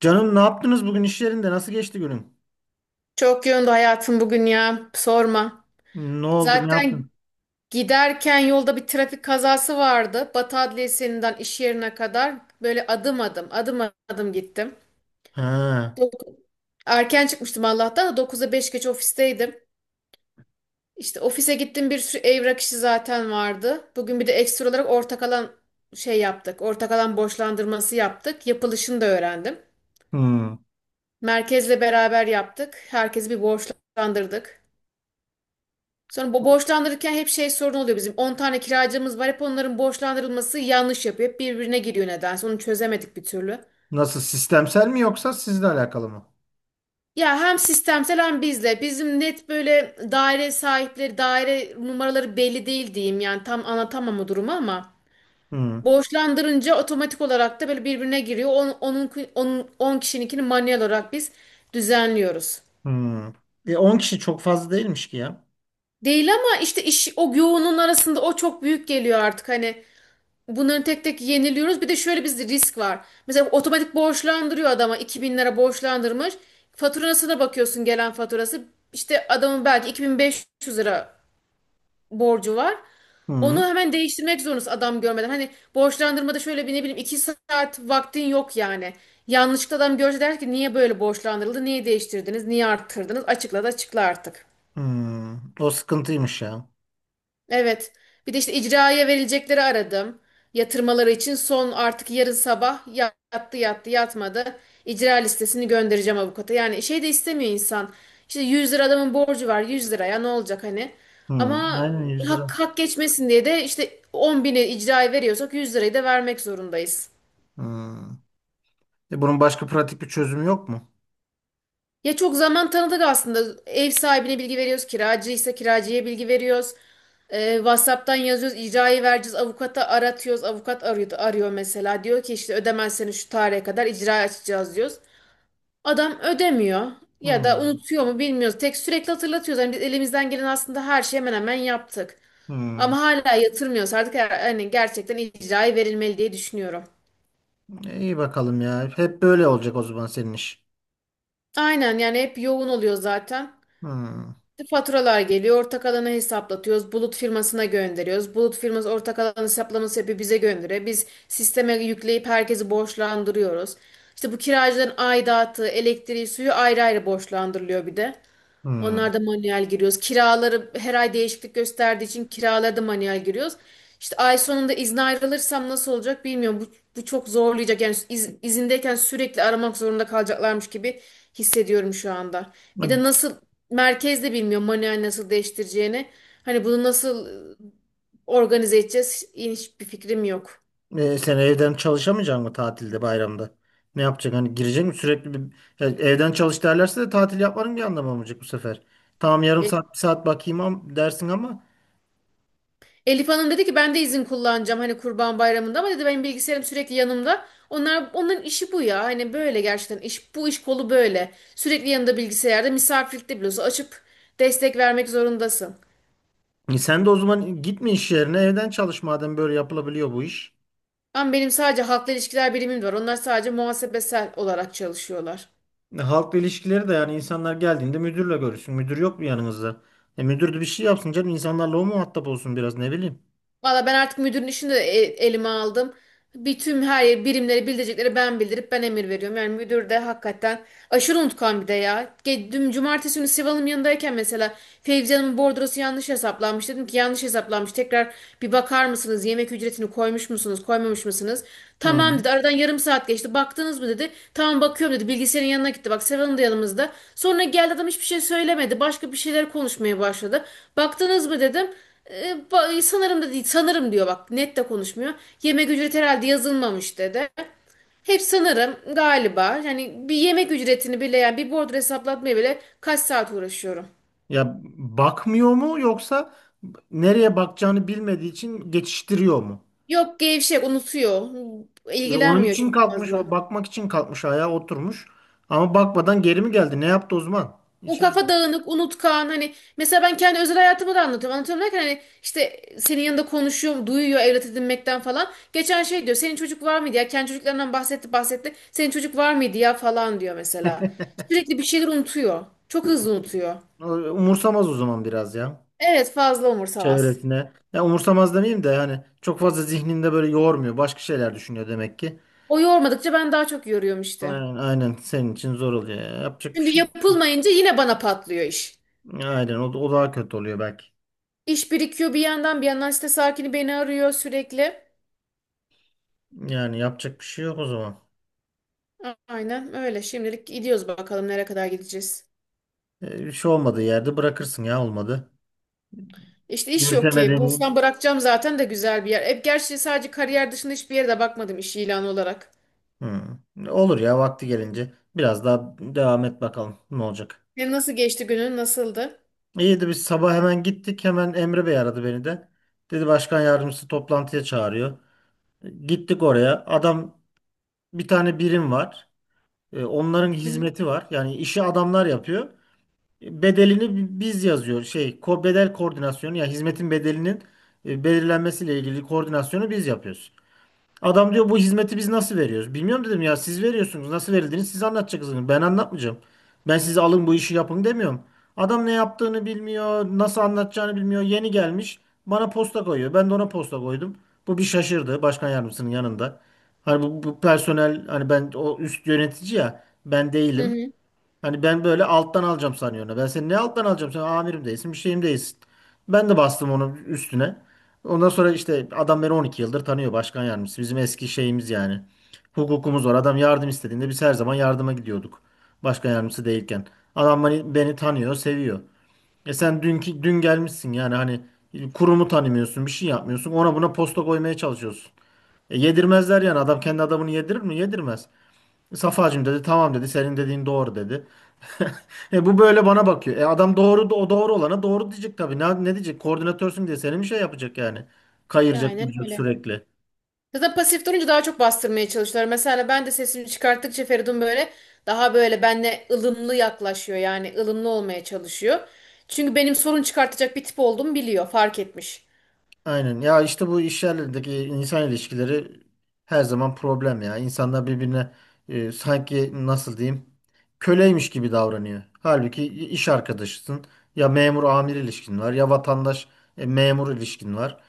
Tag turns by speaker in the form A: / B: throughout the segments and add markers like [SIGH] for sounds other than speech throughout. A: Canım ne yaptınız bugün iş yerinde? Nasıl geçti günün?
B: Çok yoğundu hayatım bugün ya. Sorma.
A: Ne oldu? Ne yaptın?
B: Zaten giderken yolda bir trafik kazası vardı. Batı Adliyesi'nden iş yerine kadar böyle adım adım gittim.
A: Ha.
B: Dok- Erken çıkmıştım Allah'tan da 9'a 5 geç ofisteydim. İşte ofise gittim, bir sürü evrak işi zaten vardı. Bugün bir de ekstra olarak ortak alan şey yaptık. Ortak alan borçlandırması yaptık. Yapılışını da öğrendim.
A: Hmm.
B: Merkezle beraber yaptık. Herkesi bir borçlandırdık. Sonra bu borçlandırırken hep şey sorun oluyor bizim. 10 tane kiracımız var. Hep onların borçlandırılması yanlış yapıyor. Hep birbirine giriyor nedense. Onu çözemedik bir türlü.
A: Nasıl? Sistemsel mi yoksa sizle alakalı mı?
B: Ya hem sistemsel hem bizle. Bizim net böyle daire sahipleri, daire numaraları belli değil diyeyim. Yani tam anlatamam o durumu ama
A: Hmm.
B: borçlandırınca otomatik olarak da böyle birbirine giriyor. 10 kişininkini manuel olarak biz düzenliyoruz.
A: Hmm. 10 kişi çok fazla değilmiş ki ya.
B: Değil ama işte iş, o yoğunluğun arasında o çok büyük geliyor artık, hani bunların tek tek yeniliyoruz. Bir de şöyle bir risk var. Mesela otomatik borçlandırıyor, adama 2.000 lira borçlandırmış. Faturasına bakıyorsun, gelen faturası. İşte adamın belki 2.500 lira borcu var.
A: Hmm.
B: Onu hemen değiştirmek zorundasın adam görmeden. Hani borçlandırmada şöyle bir, ne bileyim, 2 saat vaktin yok yani. Yanlışlıkla adam görse der ki niye böyle borçlandırıldı, niye değiştirdiniz, niye arttırdınız? Açıkla da açıkla artık.
A: Hmm. O sıkıntıymış ya.
B: Evet. Bir de işte icraya verilecekleri aradım. Yatırmaları için son, artık yarın sabah yattı yattı, yatmadı. İcra listesini göndereceğim avukata. Yani şey de istemiyor insan. İşte 100 lira adamın borcu var, 100 liraya ne olacak hani.
A: Hmm.
B: Ama
A: Aynen, 100
B: hak,
A: lira.
B: hak geçmesin diye de işte 10 bini icraya veriyorsak 100 lirayı da vermek zorundayız.
A: Hmm. Bunun başka pratik bir çözümü yok mu?
B: Ya çok zaman tanıdık aslında. Ev sahibine bilgi veriyoruz, kiracıysa kiracıya bilgi veriyoruz. WhatsApp'tan yazıyoruz, icrayı vereceğiz, avukata aratıyoruz. Avukat arıyor, arıyor mesela. Diyor ki işte ödemezseniz şu tarihe kadar icra açacağız diyoruz. Adam ödemiyor ya da
A: Hmm.
B: unutuyor mu bilmiyoruz. Tek sürekli hatırlatıyoruz. Yani biz elimizden gelen aslında her şeyi hemen hemen yaptık.
A: Hmm.
B: Ama hala yatırmıyoruz. Artık yani gerçekten icrayı verilmeli diye düşünüyorum.
A: İyi bakalım ya. Hep böyle olacak o zaman senin iş.
B: Aynen yani, hep yoğun oluyor zaten.
A: Hmm.
B: Faturalar geliyor, ortak alanı hesaplatıyoruz, bulut firmasına gönderiyoruz. Bulut firması ortak alanı hesaplaması yapıyor, bize gönderiyor. Biz sisteme yükleyip herkesi borçlandırıyoruz. İşte bu kiracıların aidatı, elektriği, suyu ayrı ayrı borçlandırılıyor bir de.
A: Hmm.
B: Onlarda manuel giriyoruz. Kiraları her ay değişiklik gösterdiği için kiralarda manuel giriyoruz. İşte ay sonunda izne ayrılırsam nasıl olacak bilmiyorum. Bu çok zorlayacak. Yani izindeyken sürekli aramak zorunda kalacaklarmış gibi hissediyorum şu anda. Bir de nasıl merkezde bilmiyorum manuel nasıl değiştireceğini. Hani bunu nasıl, organize edeceğiz? Hiçbir fikrim yok.
A: Sen evden çalışamayacaksın mı tatilde bayramda? Ne yapacaksın? Hani girecek mi sürekli bir? Ya evden çalış derlerse de tatil yapmanın bir anlamı olmayacak bu sefer. Tamam, yarım saat bir saat bakayım dersin ama
B: Elif Hanım dedi ki ben de izin kullanacağım hani Kurban Bayramı'nda, ama dedi benim bilgisayarım sürekli yanımda. Onlar, onların işi bu ya. Hani böyle gerçekten iş, bu iş kolu böyle. Sürekli yanında bilgisayarda, misafirlikte bile olsa açıp destek vermek zorundasın.
A: sen de o zaman gitme iş yerine, evden çalış madem böyle yapılabiliyor bu iş.
B: Ama benim sadece halkla ilişkiler birimim var. Onlar sadece muhasebesel olarak çalışıyorlar.
A: Halkla ilişkileri de, yani insanlar geldiğinde müdürle görüşsün. Müdür yok mu yanınızda? Müdür de bir şey yapsın canım, insanlarla o muhatap olsun biraz, ne bileyim.
B: Valla ben artık müdürün işini de elime aldım. Bir tüm her birimleri bildirecekleri ben bildirip ben emir veriyorum. Yani müdür de hakikaten aşırı unutkan bir de ya. Dün cumartesi günü Sival'ın yanındayken mesela Fevzi Hanım'ın bordrosu yanlış hesaplanmış. Dedim ki yanlış hesaplanmış. Tekrar bir bakar mısınız? Yemek ücretini koymuş musunuz? Koymamış mısınız?
A: Hı.
B: Tamam dedi. Aradan yarım saat geçti. Baktınız mı dedi. Tamam, bakıyorum dedi. Bilgisayarın yanına gitti. Bak Sival'ın da yanımızda. Sonra geldi adam, hiçbir şey söylemedi. Başka bir şeyler konuşmaya başladı. Baktınız mı dedim. Sanırım da değil, sanırım diyor, bak net de konuşmuyor. Yemek ücreti herhalde yazılmamış dedi. Hep sanırım, galiba, yani bir yemek ücretini bile, yani bir bordro hesaplatmaya bile kaç saat uğraşıyorum.
A: Ya bakmıyor mu yoksa nereye bakacağını bilmediği için geçiştiriyor mu?
B: Yok, gevşek, unutuyor.
A: Onun
B: İlgilenmiyor
A: için
B: çok
A: kalkmış, o
B: fazla.
A: bakmak için kalkmış ayağa, oturmuş. Ama bakmadan geri mi geldi? Ne yaptı Osman?
B: O
A: İçeride.
B: kafa dağınık, unutkan, hani mesela ben kendi özel hayatımı da anlatıyorum. Anlatıyorum derken hani işte senin yanında konuşuyor, duyuyor evlat edinmekten falan. Geçen şey diyor, senin çocuk var mıydı ya? Kendi çocuklarından bahsetti bahsetti. Senin çocuk var mıydı ya falan diyor mesela.
A: [LAUGHS]
B: Sürekli bir şeyler unutuyor. Çok hızlı unutuyor.
A: O, umursamaz o zaman biraz ya.
B: Evet, fazla umursamaz.
A: Çevresine. Ya umursamaz demeyeyim de, yani çok fazla zihninde böyle yormuyor. Başka şeyler düşünüyor demek ki.
B: O yormadıkça ben daha çok yoruyorum işte.
A: Aynen, aynen, senin için zor oluyor ya. Yapacak bir
B: Şimdi
A: şey yok.
B: yapılmayınca yine bana patlıyor iş.
A: Aynen, o daha kötü oluyor belki.
B: İş birikiyor, bir yandan bir yandan site sakini beni arıyor sürekli.
A: Yani yapacak bir şey yok o zaman.
B: Aynen öyle. Şimdilik gidiyoruz, bakalım nereye kadar gideceğiz.
A: Bir şey olmadığı yerde bırakırsın ya olmadı.
B: İşte iş yok ki.
A: Yürütemediğini.
B: Bulsam bırakacağım zaten de, güzel bir yer. Hep gerçi sadece kariyer dışında hiçbir yere de bakmadım iş ilanı olarak.
A: Hı. Olur ya, vakti gelince. Biraz daha devam et bakalım ne olacak.
B: Senin nasıl geçti günün? Nasıldı?
A: İyiydi, biz sabah hemen gittik. Hemen Emre Bey aradı beni de. Dedi başkan yardımcısı toplantıya çağırıyor. Gittik oraya. Adam, bir tane birim var. Onların
B: Hı hı.
A: hizmeti var. Yani işi adamlar yapıyor. Bedelini biz yazıyor. Bedel koordinasyonu, ya hizmetin bedelinin belirlenmesiyle ilgili koordinasyonu biz yapıyoruz. Adam diyor bu hizmeti biz nasıl veriyoruz? Bilmiyorum dedim, ya siz veriyorsunuz. Nasıl verildiğini siz anlatacaksınız. Ben anlatmayacağım. Ben size alın bu işi yapın demiyorum. Adam ne yaptığını bilmiyor. Nasıl anlatacağını bilmiyor. Yeni gelmiş. Bana posta koyuyor. Ben de ona posta koydum. Bu bir şaşırdı başkan yardımcısının yanında. Hani bu personel, hani ben o üst yönetici ya, ben
B: Hı
A: değilim.
B: hı.
A: Hani ben böyle alttan alacağım sanıyorum. Ben seni ne alttan alacağım? Sen amirim değilsin, bir şeyim değilsin. Ben de bastım onun üstüne. Ondan sonra işte adam beni 12 yıldır tanıyor, başkan yardımcısı. Bizim eski şeyimiz yani. Hukukumuz var. Adam yardım istediğinde biz her zaman yardıma gidiyorduk. Başkan yardımcısı değilken. Adam beni tanıyor, seviyor. E sen dünkü dün gelmişsin, yani hani kurumu tanımıyorsun, bir şey yapmıyorsun. Ona buna posta koymaya çalışıyorsun. E yedirmezler, yani adam kendi adamını yedirir mi? Yedirmez. Safacığım dedi, tamam dedi, senin dediğin doğru dedi. [LAUGHS] E bu böyle bana bakıyor. E adam doğru, o doğru olana doğru diyecek tabii. Ne diyecek? Koordinatörsün diye seni mi şey yapacak yani? Kayıracak
B: Aynen
A: duracak
B: öyle.
A: sürekli.
B: Zaten pasif durunca daha çok bastırmaya çalışıyorlar. Mesela ben de sesimi çıkarttıkça Feridun böyle daha böyle benle ılımlı yaklaşıyor. Yani ılımlı olmaya çalışıyor. Çünkü benim sorun çıkartacak bir tip olduğumu biliyor. Fark etmiş.
A: Aynen. Ya işte bu iş yerlerindeki insan ilişkileri her zaman problem ya. İnsanlar birbirine sanki, nasıl diyeyim, köleymiş gibi davranıyor. Halbuki iş arkadaşısın. Ya memur amir ilişkin var, ya vatandaş memur ilişkin var.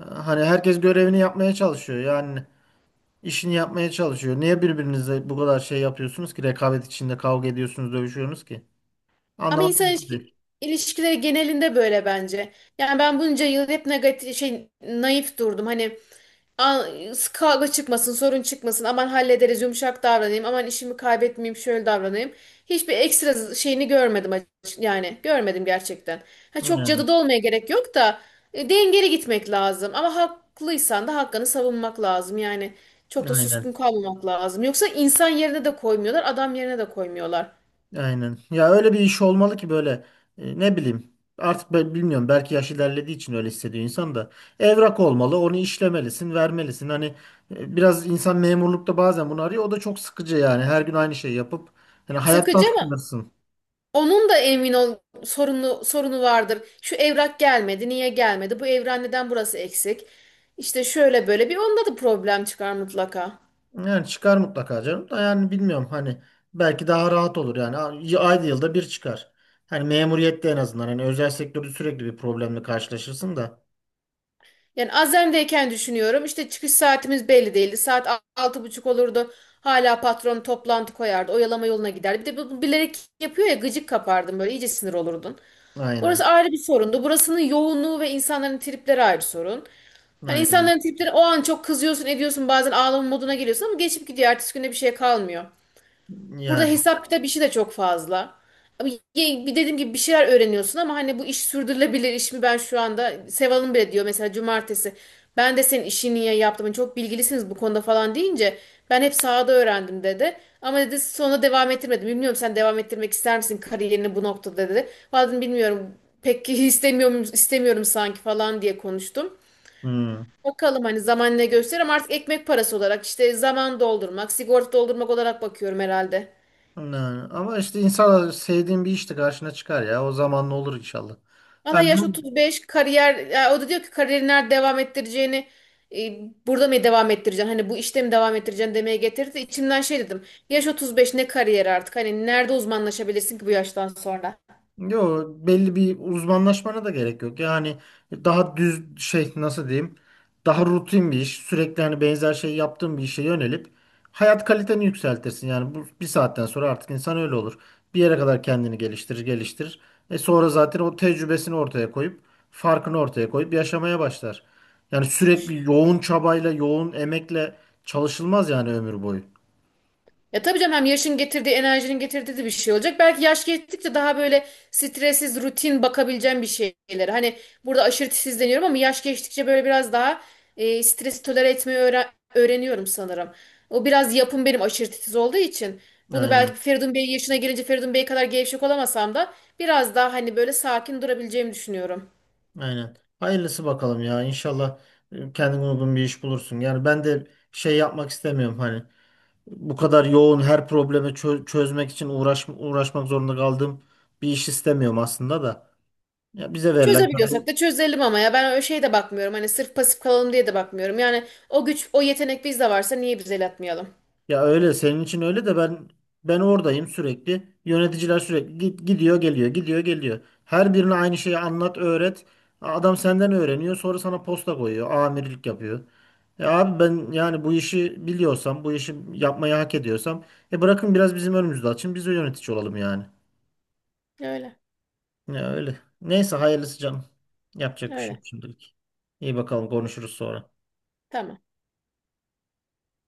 A: Hani herkes görevini yapmaya çalışıyor yani. İşini yapmaya çalışıyor. Niye birbirinizle bu kadar şey yapıyorsunuz ki? Rekabet içinde kavga ediyorsunuz, dövüşüyorsunuz ki?
B: Ama
A: Anlamak
B: insan
A: mümkün değil.
B: ilişkileri genelinde böyle bence. Yani ben bunca yıl hep negatif şey, naif durdum. Hani "Aa, kavga çıkmasın, sorun çıkmasın. Aman hallederiz, yumuşak davranayım. Aman işimi kaybetmeyeyim, şöyle davranayım." Hiçbir ekstra şeyini görmedim yani görmedim gerçekten. Ha, çok
A: Yani,
B: cadıda olmaya gerek yok da, dengeli gitmek lazım. Ama haklıysan da hakkını savunmak lazım. Yani çok da suskun
A: aynen.
B: kalmamak lazım. Yoksa insan yerine de koymuyorlar, adam yerine de koymuyorlar.
A: Aynen. Ya öyle bir iş olmalı ki, böyle, ne bileyim. Artık ben bilmiyorum. Belki yaş ilerlediği için öyle hissediyor insan da. Evrak olmalı. Onu işlemelisin, vermelisin. Hani biraz insan memurlukta bazen bunu arıyor. O da çok sıkıcı yani. Her gün aynı şeyi yapıp hani, hayattan
B: Sıkıcı ama
A: sıkılırsın.
B: onun da emin ol sorunu vardır. Şu evrak gelmedi, niye gelmedi? Bu evrak neden, burası eksik? İşte şöyle böyle, bir onda da problem çıkar mutlaka.
A: Yani çıkar mutlaka canım da, yani bilmiyorum hani, belki daha rahat olur yani. Ayda yılda bir çıkar. Hani memuriyette en azından, hani özel sektörde sürekli bir problemle karşılaşırsın da.
B: Yani Azem'deyken düşünüyorum, işte çıkış saatimiz belli değildi. Saat 6.30 olurdu. Hala patron toplantı koyardı. Oyalama yoluna giderdi. Bir de bu bilerek yapıyor ya, gıcık kapardın böyle, iyice sinir olurdun.
A: Aynen.
B: Orası ayrı bir sorundu. Burasının yoğunluğu ve insanların tripleri ayrı sorun. Hani
A: Aynen.
B: insanların tripleri, o an çok kızıyorsun, ediyorsun, bazen ağlama moduna geliyorsun ama geçip gidiyor. Ertesi günde bir şey kalmıyor. Burada
A: Yani.
B: hesap kitap işi de çok fazla. Ama bir dediğim gibi bir şeyler öğreniyorsun ama hani bu iş sürdürülebilir iş mi, ben şu anda Seval'ın bile diyor mesela cumartesi, ben de senin işini niye yaptım, hani çok bilgilisiniz bu konuda falan deyince, ben hep sahada öğrendim dedi, ama dedi sonra devam ettirmedim, bilmiyorum, sen devam ettirmek ister misin kariyerini bu noktada dedi. Vallahi dedim, bilmiyorum pek [LAUGHS] istemiyorum, istemiyorum sanki falan diye konuştum.
A: Hı.
B: Bakalım hani zaman ne gösterir, ama artık ekmek parası olarak, işte zaman doldurmak, sigorta doldurmak olarak bakıyorum herhalde.
A: Yani. Ama işte inşallah sevdiğin bir işte karşına çıkar ya. O zaman ne olur inşallah.
B: Valla,
A: Yani,
B: yaş 35, kariyer ya, o da diyor ki kariyerini nerede devam ettireceğini, e, burada mı devam ettireceksin, hani bu işte mi devam ettireceksin demeye getirdi. İçimden şey dedim, yaş 35, ne kariyer artık, hani nerede uzmanlaşabilirsin ki bu yaştan sonra.
A: yo, belli bir uzmanlaşmana da gerek yok. Yani daha düz şey, nasıl diyeyim? Daha rutin bir iş, sürekli hani benzer şey yaptığın bir işe yönelip hayat kaliteni yükseltirsin. Yani bu bir saatten sonra artık insan öyle olur. Bir yere kadar kendini geliştirir, geliştirir. E sonra zaten o tecrübesini ortaya koyup, farkını ortaya koyup yaşamaya başlar. Yani sürekli yoğun çabayla, yoğun emekle çalışılmaz yani, ömür boyu.
B: Ya tabii canım, hem yaşın getirdiği, enerjinin getirdiği de bir şey olacak. Belki yaş geçtikçe daha böyle stressiz, rutin bakabileceğim bir şeyler. Hani burada aşırı deniyorum, ama yaş geçtikçe böyle biraz daha, stresi tolere etmeyi öğreniyorum sanırım. O biraz yapım benim, aşırı titiz olduğu için. Bunu
A: Aynen.
B: belki Feridun Bey yaşına gelince, Feridun Bey kadar gevşek olamasam da biraz daha hani böyle sakin durabileceğimi düşünüyorum.
A: Aynen. Hayırlısı bakalım ya. İnşallah kendine uygun bir iş bulursun. Yani ben de şey yapmak istemiyorum, hani bu kadar yoğun, her problemi çözmek için uğraşmak zorunda kaldığım bir iş istemiyorum aslında da. Ya bize verilen.
B: Çözebiliyorsak da çözelim ama ya ben öyle şeye de bakmıyorum. Hani sırf pasif kalalım diye de bakmıyorum. Yani o güç, o yetenek bizde varsa niye biz el atmayalım?
A: Ya öyle senin için, öyle de ben, oradayım sürekli. Yöneticiler sürekli git, gidiyor geliyor gidiyor geliyor. Her birine aynı şeyi anlat öğret. Adam senden öğreniyor, sonra sana posta koyuyor. Amirlik yapıyor. Ya abi ben, yani bu işi biliyorsam, bu işi yapmayı hak ediyorsam e bırakın biraz bizim önümüzde açın, biz de yönetici olalım yani.
B: Öyle.
A: Ya öyle. Neyse, hayırlısı canım. Yapacak bir şey
B: Öyle.
A: yok şimdilik. İyi bakalım, konuşuruz sonra.
B: Tamam.